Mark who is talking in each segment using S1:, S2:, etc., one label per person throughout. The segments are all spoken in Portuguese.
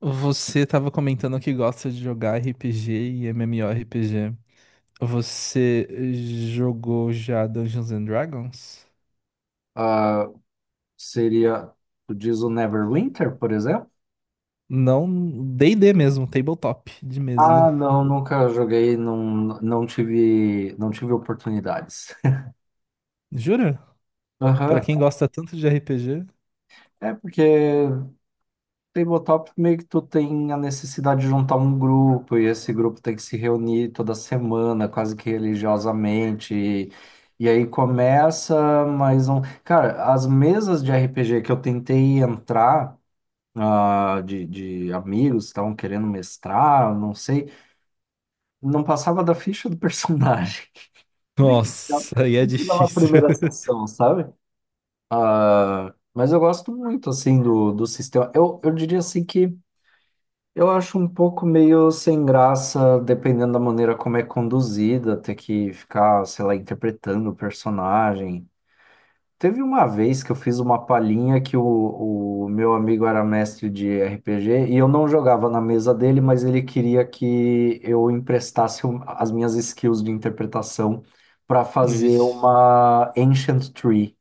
S1: Você estava comentando que gosta de jogar RPG e MMORPG. Você jogou já Dungeons and Dragons?
S2: Ah, seria, tu diz o Neverwinter, por exemplo?
S1: Não, D&D mesmo, tabletop de mesa.
S2: Ah, não, nunca joguei, não, não tive oportunidades.
S1: Jura? Pra
S2: Aham.
S1: quem gosta tanto de RPG?
S2: É porque tabletop meio que tu tem a necessidade de juntar um grupo e esse grupo tem que se reunir toda semana, quase que religiosamente. E aí começa mais um. Cara, as mesas de RPG que eu tentei entrar, ah, de amigos que estavam querendo mestrar, não sei, não passava da ficha do personagem. Tem que pegar-
S1: Nossa, aí é
S2: Tem que dar
S1: difícil.
S2: primeira sessão, sabe? Ah, mas eu gosto muito, assim, do sistema. Eu diria, assim, que eu acho um pouco meio sem graça, dependendo da maneira como é conduzida, ter que ficar, sei lá, interpretando o personagem. Teve uma vez que eu fiz uma palhinha que o meu amigo era mestre de RPG e eu não jogava na mesa dele, mas ele queria que eu emprestasse as minhas skills de interpretação para fazer
S1: Vixe.
S2: uma Ancient Tree,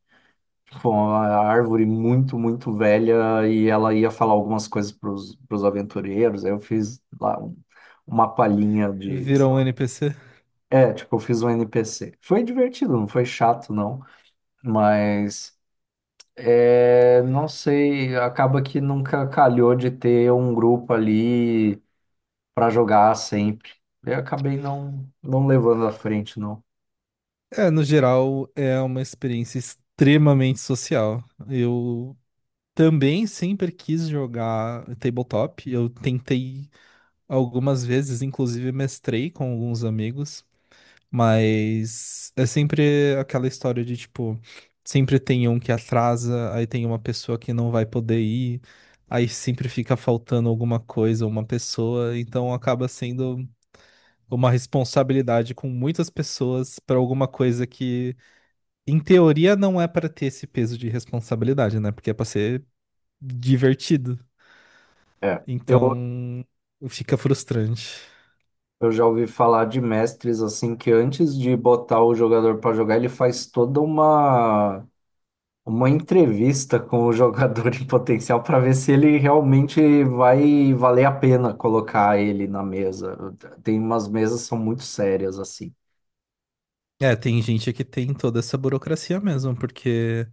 S2: tipo, uma árvore muito, muito velha e ela ia falar algumas coisas para os aventureiros. Aí eu fiz lá uma palhinha de.
S1: Virou um NPC?
S2: É, tipo, eu fiz um NPC. Foi divertido, não foi chato, não, mas. É, não sei, acaba que nunca calhou de ter um grupo ali para jogar sempre. Eu acabei não levando à frente, não.
S1: É, no geral, é uma experiência extremamente social. Eu também sempre quis jogar tabletop. Eu tentei algumas vezes, inclusive, mestrei com alguns amigos, mas é sempre aquela história de tipo, sempre tem um que atrasa, aí tem uma pessoa que não vai poder ir, aí sempre fica faltando alguma coisa, uma pessoa, então acaba sendo uma responsabilidade com muitas pessoas para alguma coisa que, em teoria, não é para ter esse peso de responsabilidade, né? Porque é para ser divertido.
S2: É, eu,
S1: Então, fica frustrante.
S2: eu já ouvi falar de mestres assim que antes de botar o jogador para jogar, ele faz toda uma entrevista com o jogador em potencial para ver se ele realmente vai valer a pena colocar ele na mesa. Tem umas mesas que são muito sérias assim.
S1: É, tem gente que tem toda essa burocracia mesmo, porque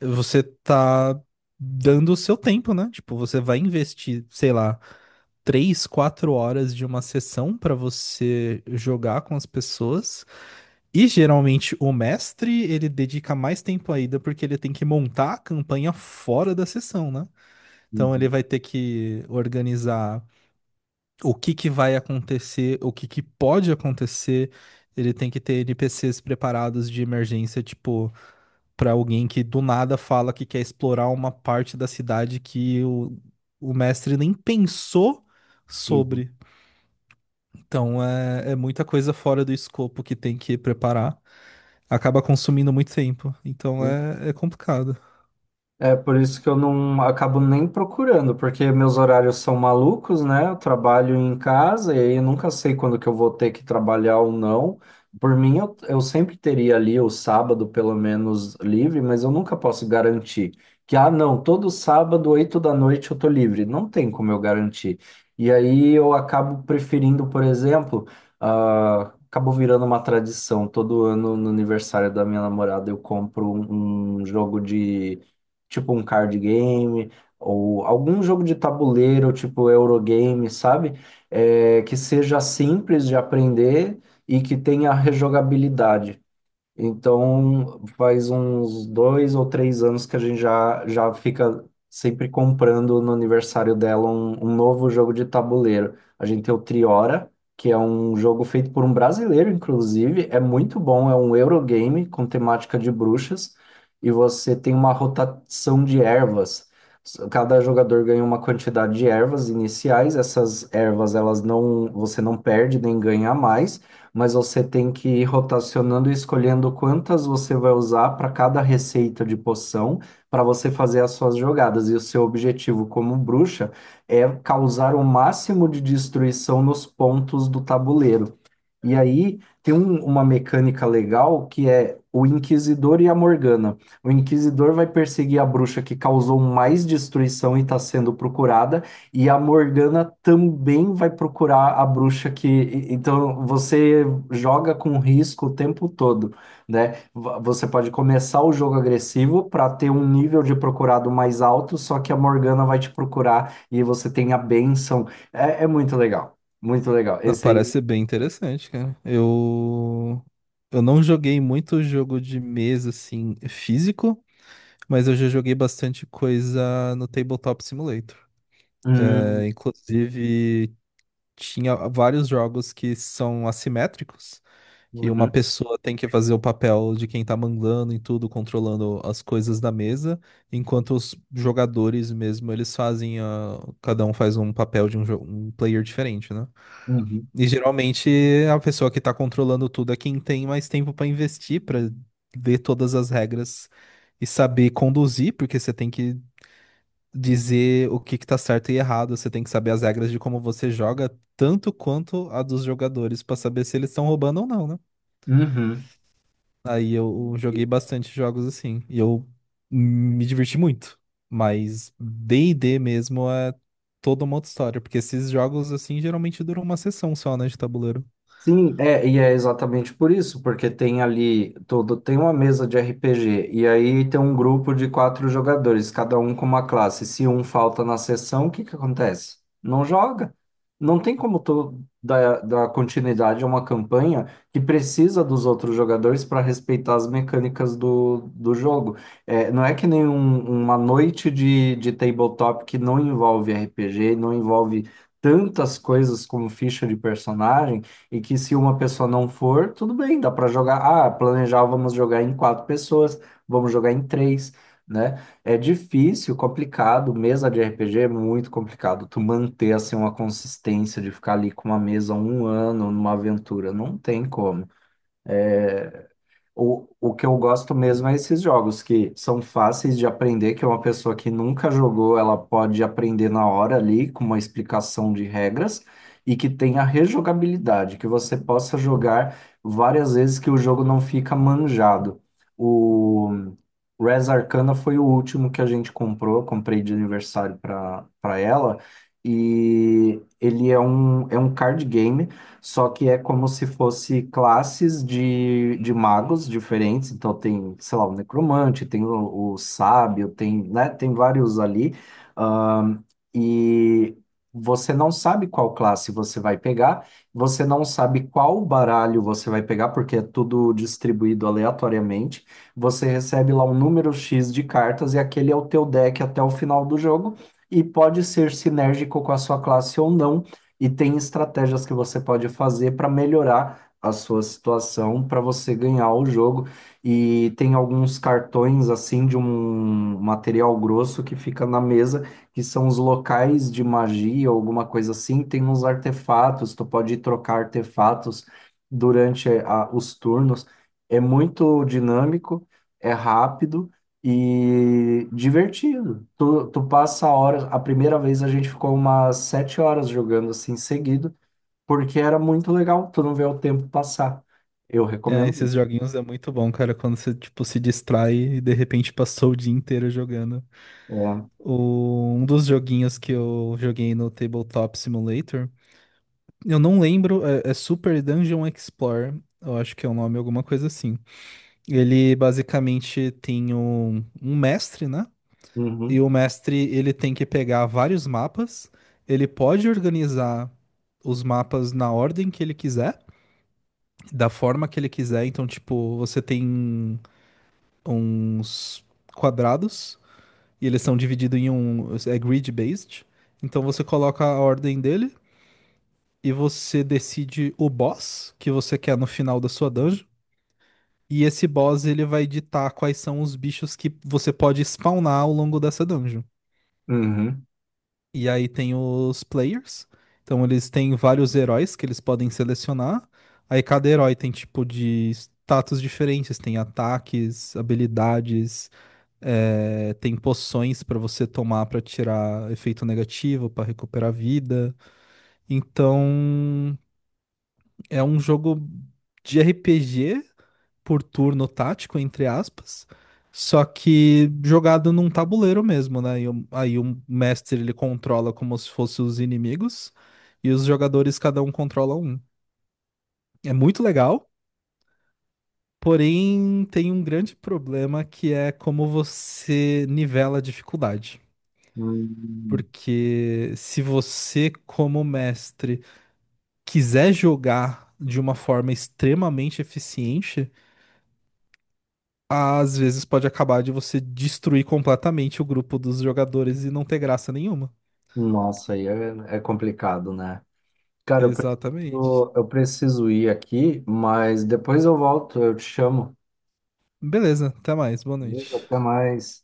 S1: você tá dando o seu tempo, né? Tipo, você vai investir, sei lá, três, quatro horas de uma sessão pra você jogar com as pessoas. E geralmente o mestre, ele dedica mais tempo ainda, porque ele tem que montar a campanha fora da sessão, né? Então ele
S2: Uhum,
S1: vai ter que organizar o que que vai acontecer, o que que pode acontecer. Ele tem que ter NPCs preparados de emergência, tipo, para alguém que do nada fala que quer explorar uma parte da cidade que o mestre nem pensou sobre. Então é muita coisa fora do escopo que tem que preparar. Acaba consumindo muito tempo. Então
S2: uhum.
S1: é complicado.
S2: É por isso que eu não acabo nem procurando, porque meus horários são malucos, né? Eu trabalho em casa e aí eu nunca sei quando que eu vou ter que trabalhar ou não. Por mim, eu sempre teria ali o sábado, pelo menos, livre, mas eu nunca posso garantir que, ah, não, todo sábado, 8 da noite, eu tô livre. Não tem como eu garantir. E aí eu acabo preferindo, por exemplo, ah, acabou virando uma tradição. Todo ano, no aniversário da minha namorada, eu compro um jogo de tipo um card game ou algum jogo de tabuleiro, tipo Eurogame, sabe? É, que seja simples de aprender e que tenha rejogabilidade. Então, faz uns 2 ou 3 anos que a gente já fica sempre comprando no aniversário dela um novo jogo de tabuleiro. A gente tem o Triora, que é um jogo feito por um brasileiro, inclusive. É muito bom, é um Eurogame com temática de bruxas. E você tem uma rotação de ervas. Cada jogador ganha uma quantidade de ervas iniciais. Essas ervas, elas não, você não perde nem ganha a mais, mas você tem que ir rotacionando e escolhendo quantas você vai usar para cada receita de poção para você fazer as suas jogadas. E o seu objetivo como bruxa é causar o máximo de destruição nos pontos do tabuleiro. E aí uma mecânica legal que é o Inquisidor e a Morgana. O Inquisidor vai perseguir a bruxa que causou mais destruição e está sendo procurada, e a Morgana também vai procurar a bruxa que. Então você joga com risco o tempo todo, né? Você pode começar o jogo agressivo para ter um nível de procurado mais alto, só que a Morgana vai te procurar e você tem a bênção. É, é muito legal, muito legal.
S1: Não,
S2: Esse
S1: parece
S2: aí.
S1: ser bem interessante, cara. Eu. Eu não joguei muito jogo de mesa, assim, físico, mas eu já joguei bastante coisa no Tabletop Simulator.
S2: Hum.
S1: É, inclusive, tinha vários jogos que são assimétricos, que uma
S2: Uhum,
S1: pessoa tem que fazer o papel de quem tá mandando em tudo, controlando as coisas da mesa, enquanto os jogadores mesmo, eles fazem a cada um faz um papel de um, um player diferente, né?
S2: uhum,
S1: E geralmente a pessoa que tá controlando tudo é quem tem mais tempo pra investir, pra ler todas as regras e saber conduzir, porque você tem que dizer o que que tá certo e errado. Você tem que saber as regras de como você joga, tanto quanto a dos jogadores, pra saber se eles estão roubando ou não, né?
S2: uhum.
S1: Aí eu joguei bastante jogos assim, e eu me diverti muito. Mas D&D mesmo é toda uma outra história, porque esses jogos assim geralmente duram uma sessão só, né, de tabuleiro.
S2: Sim, é, e é exatamente por isso, porque tem ali todo, tem uma mesa de RPG, e aí tem um grupo de quatro jogadores, cada um com uma classe. Se um falta na sessão, o que que acontece? Não joga. Não tem como tu dar continuidade a uma campanha que precisa dos outros jogadores para respeitar as mecânicas do jogo. É, não é que nem uma noite de tabletop que não envolve RPG, não envolve tantas coisas como ficha de personagem e que se uma pessoa não for, tudo bem, dá para jogar. Ah, planejar, vamos jogar em quatro pessoas, vamos jogar em três, né? É difícil, complicado. Mesa de RPG é muito complicado. Tu manter assim uma consistência de ficar ali com uma mesa um ano numa aventura, não tem como. É, o, que eu gosto mesmo é esses jogos que são fáceis de aprender, que uma pessoa que nunca jogou, ela pode aprender na hora ali, com uma explicação de regras, e que tenha rejogabilidade, que você possa jogar várias vezes que o jogo não fica manjado. O Res Arcana foi o último que a gente comprou, eu comprei de aniversário para ela, e ele é um card game só que é como se fosse classes de magos diferentes. Então tem, sei lá, o necromante, tem o sábio, tem, né, tem vários ali. Ahn, e você não sabe qual classe você vai pegar, você não sabe qual baralho você vai pegar, porque é tudo distribuído aleatoriamente. Você recebe lá um número X de cartas e aquele é o teu deck até o final do jogo. E pode ser sinérgico com a sua classe ou não e tem estratégias que você pode fazer para melhorar a sua situação, para você ganhar o jogo. E tem alguns cartões assim de um material grosso que fica na mesa, que são os locais de magia, alguma coisa assim. Tem uns artefatos, tu pode trocar artefatos durante os turnos. É muito dinâmico, é rápido. E divertido. Tu passa a hora. A primeira vez a gente ficou umas 7 horas jogando assim seguido, porque era muito legal. Tu não vê o tempo passar. Eu
S1: É,
S2: recomendo.
S1: esses joguinhos é muito bom, cara, quando você, tipo, se distrai e de repente passou o dia inteiro jogando.
S2: É.
S1: Um dos joguinhos que eu joguei no Tabletop Simulator, eu não lembro, é Super Dungeon Explorer, eu acho que é o nome, alguma coisa assim. Ele basicamente tem um mestre, né? E
S2: Uhum,
S1: o mestre ele tem que pegar vários mapas, ele pode organizar os mapas na ordem que ele quiser, da forma que ele quiser. Então, tipo, você tem uns quadrados. E eles são divididos em um. É grid-based. Então você coloca a ordem dele e você decide o boss que você quer no final da sua dungeon. E esse boss ele vai ditar quais são os bichos que você pode spawnar ao longo dessa dungeon.
S2: uhum.
S1: E aí tem os players. Então eles têm vários heróis que eles podem selecionar. Aí cada herói tem tipo de status diferentes, tem ataques, habilidades. É, tem poções para você tomar para tirar efeito negativo, para recuperar vida. Então, é um jogo de RPG por turno tático, entre aspas, só que jogado num tabuleiro mesmo, né? Aí o mestre ele controla como se fossem os inimigos e os jogadores cada um controla um. É muito legal, porém tem um grande problema que é como você nivela a dificuldade.
S2: Hum,
S1: Porque se você, como mestre, quiser jogar de uma forma extremamente eficiente, às vezes pode acabar de você destruir completamente o grupo dos jogadores e não ter graça nenhuma.
S2: nossa, aí é, é complicado, né? Cara, eu
S1: Exatamente.
S2: preciso, eu preciso ir aqui, mas depois eu volto, eu te chamo.
S1: Beleza, até mais, boa
S2: Beleza?
S1: noite.
S2: Até mais.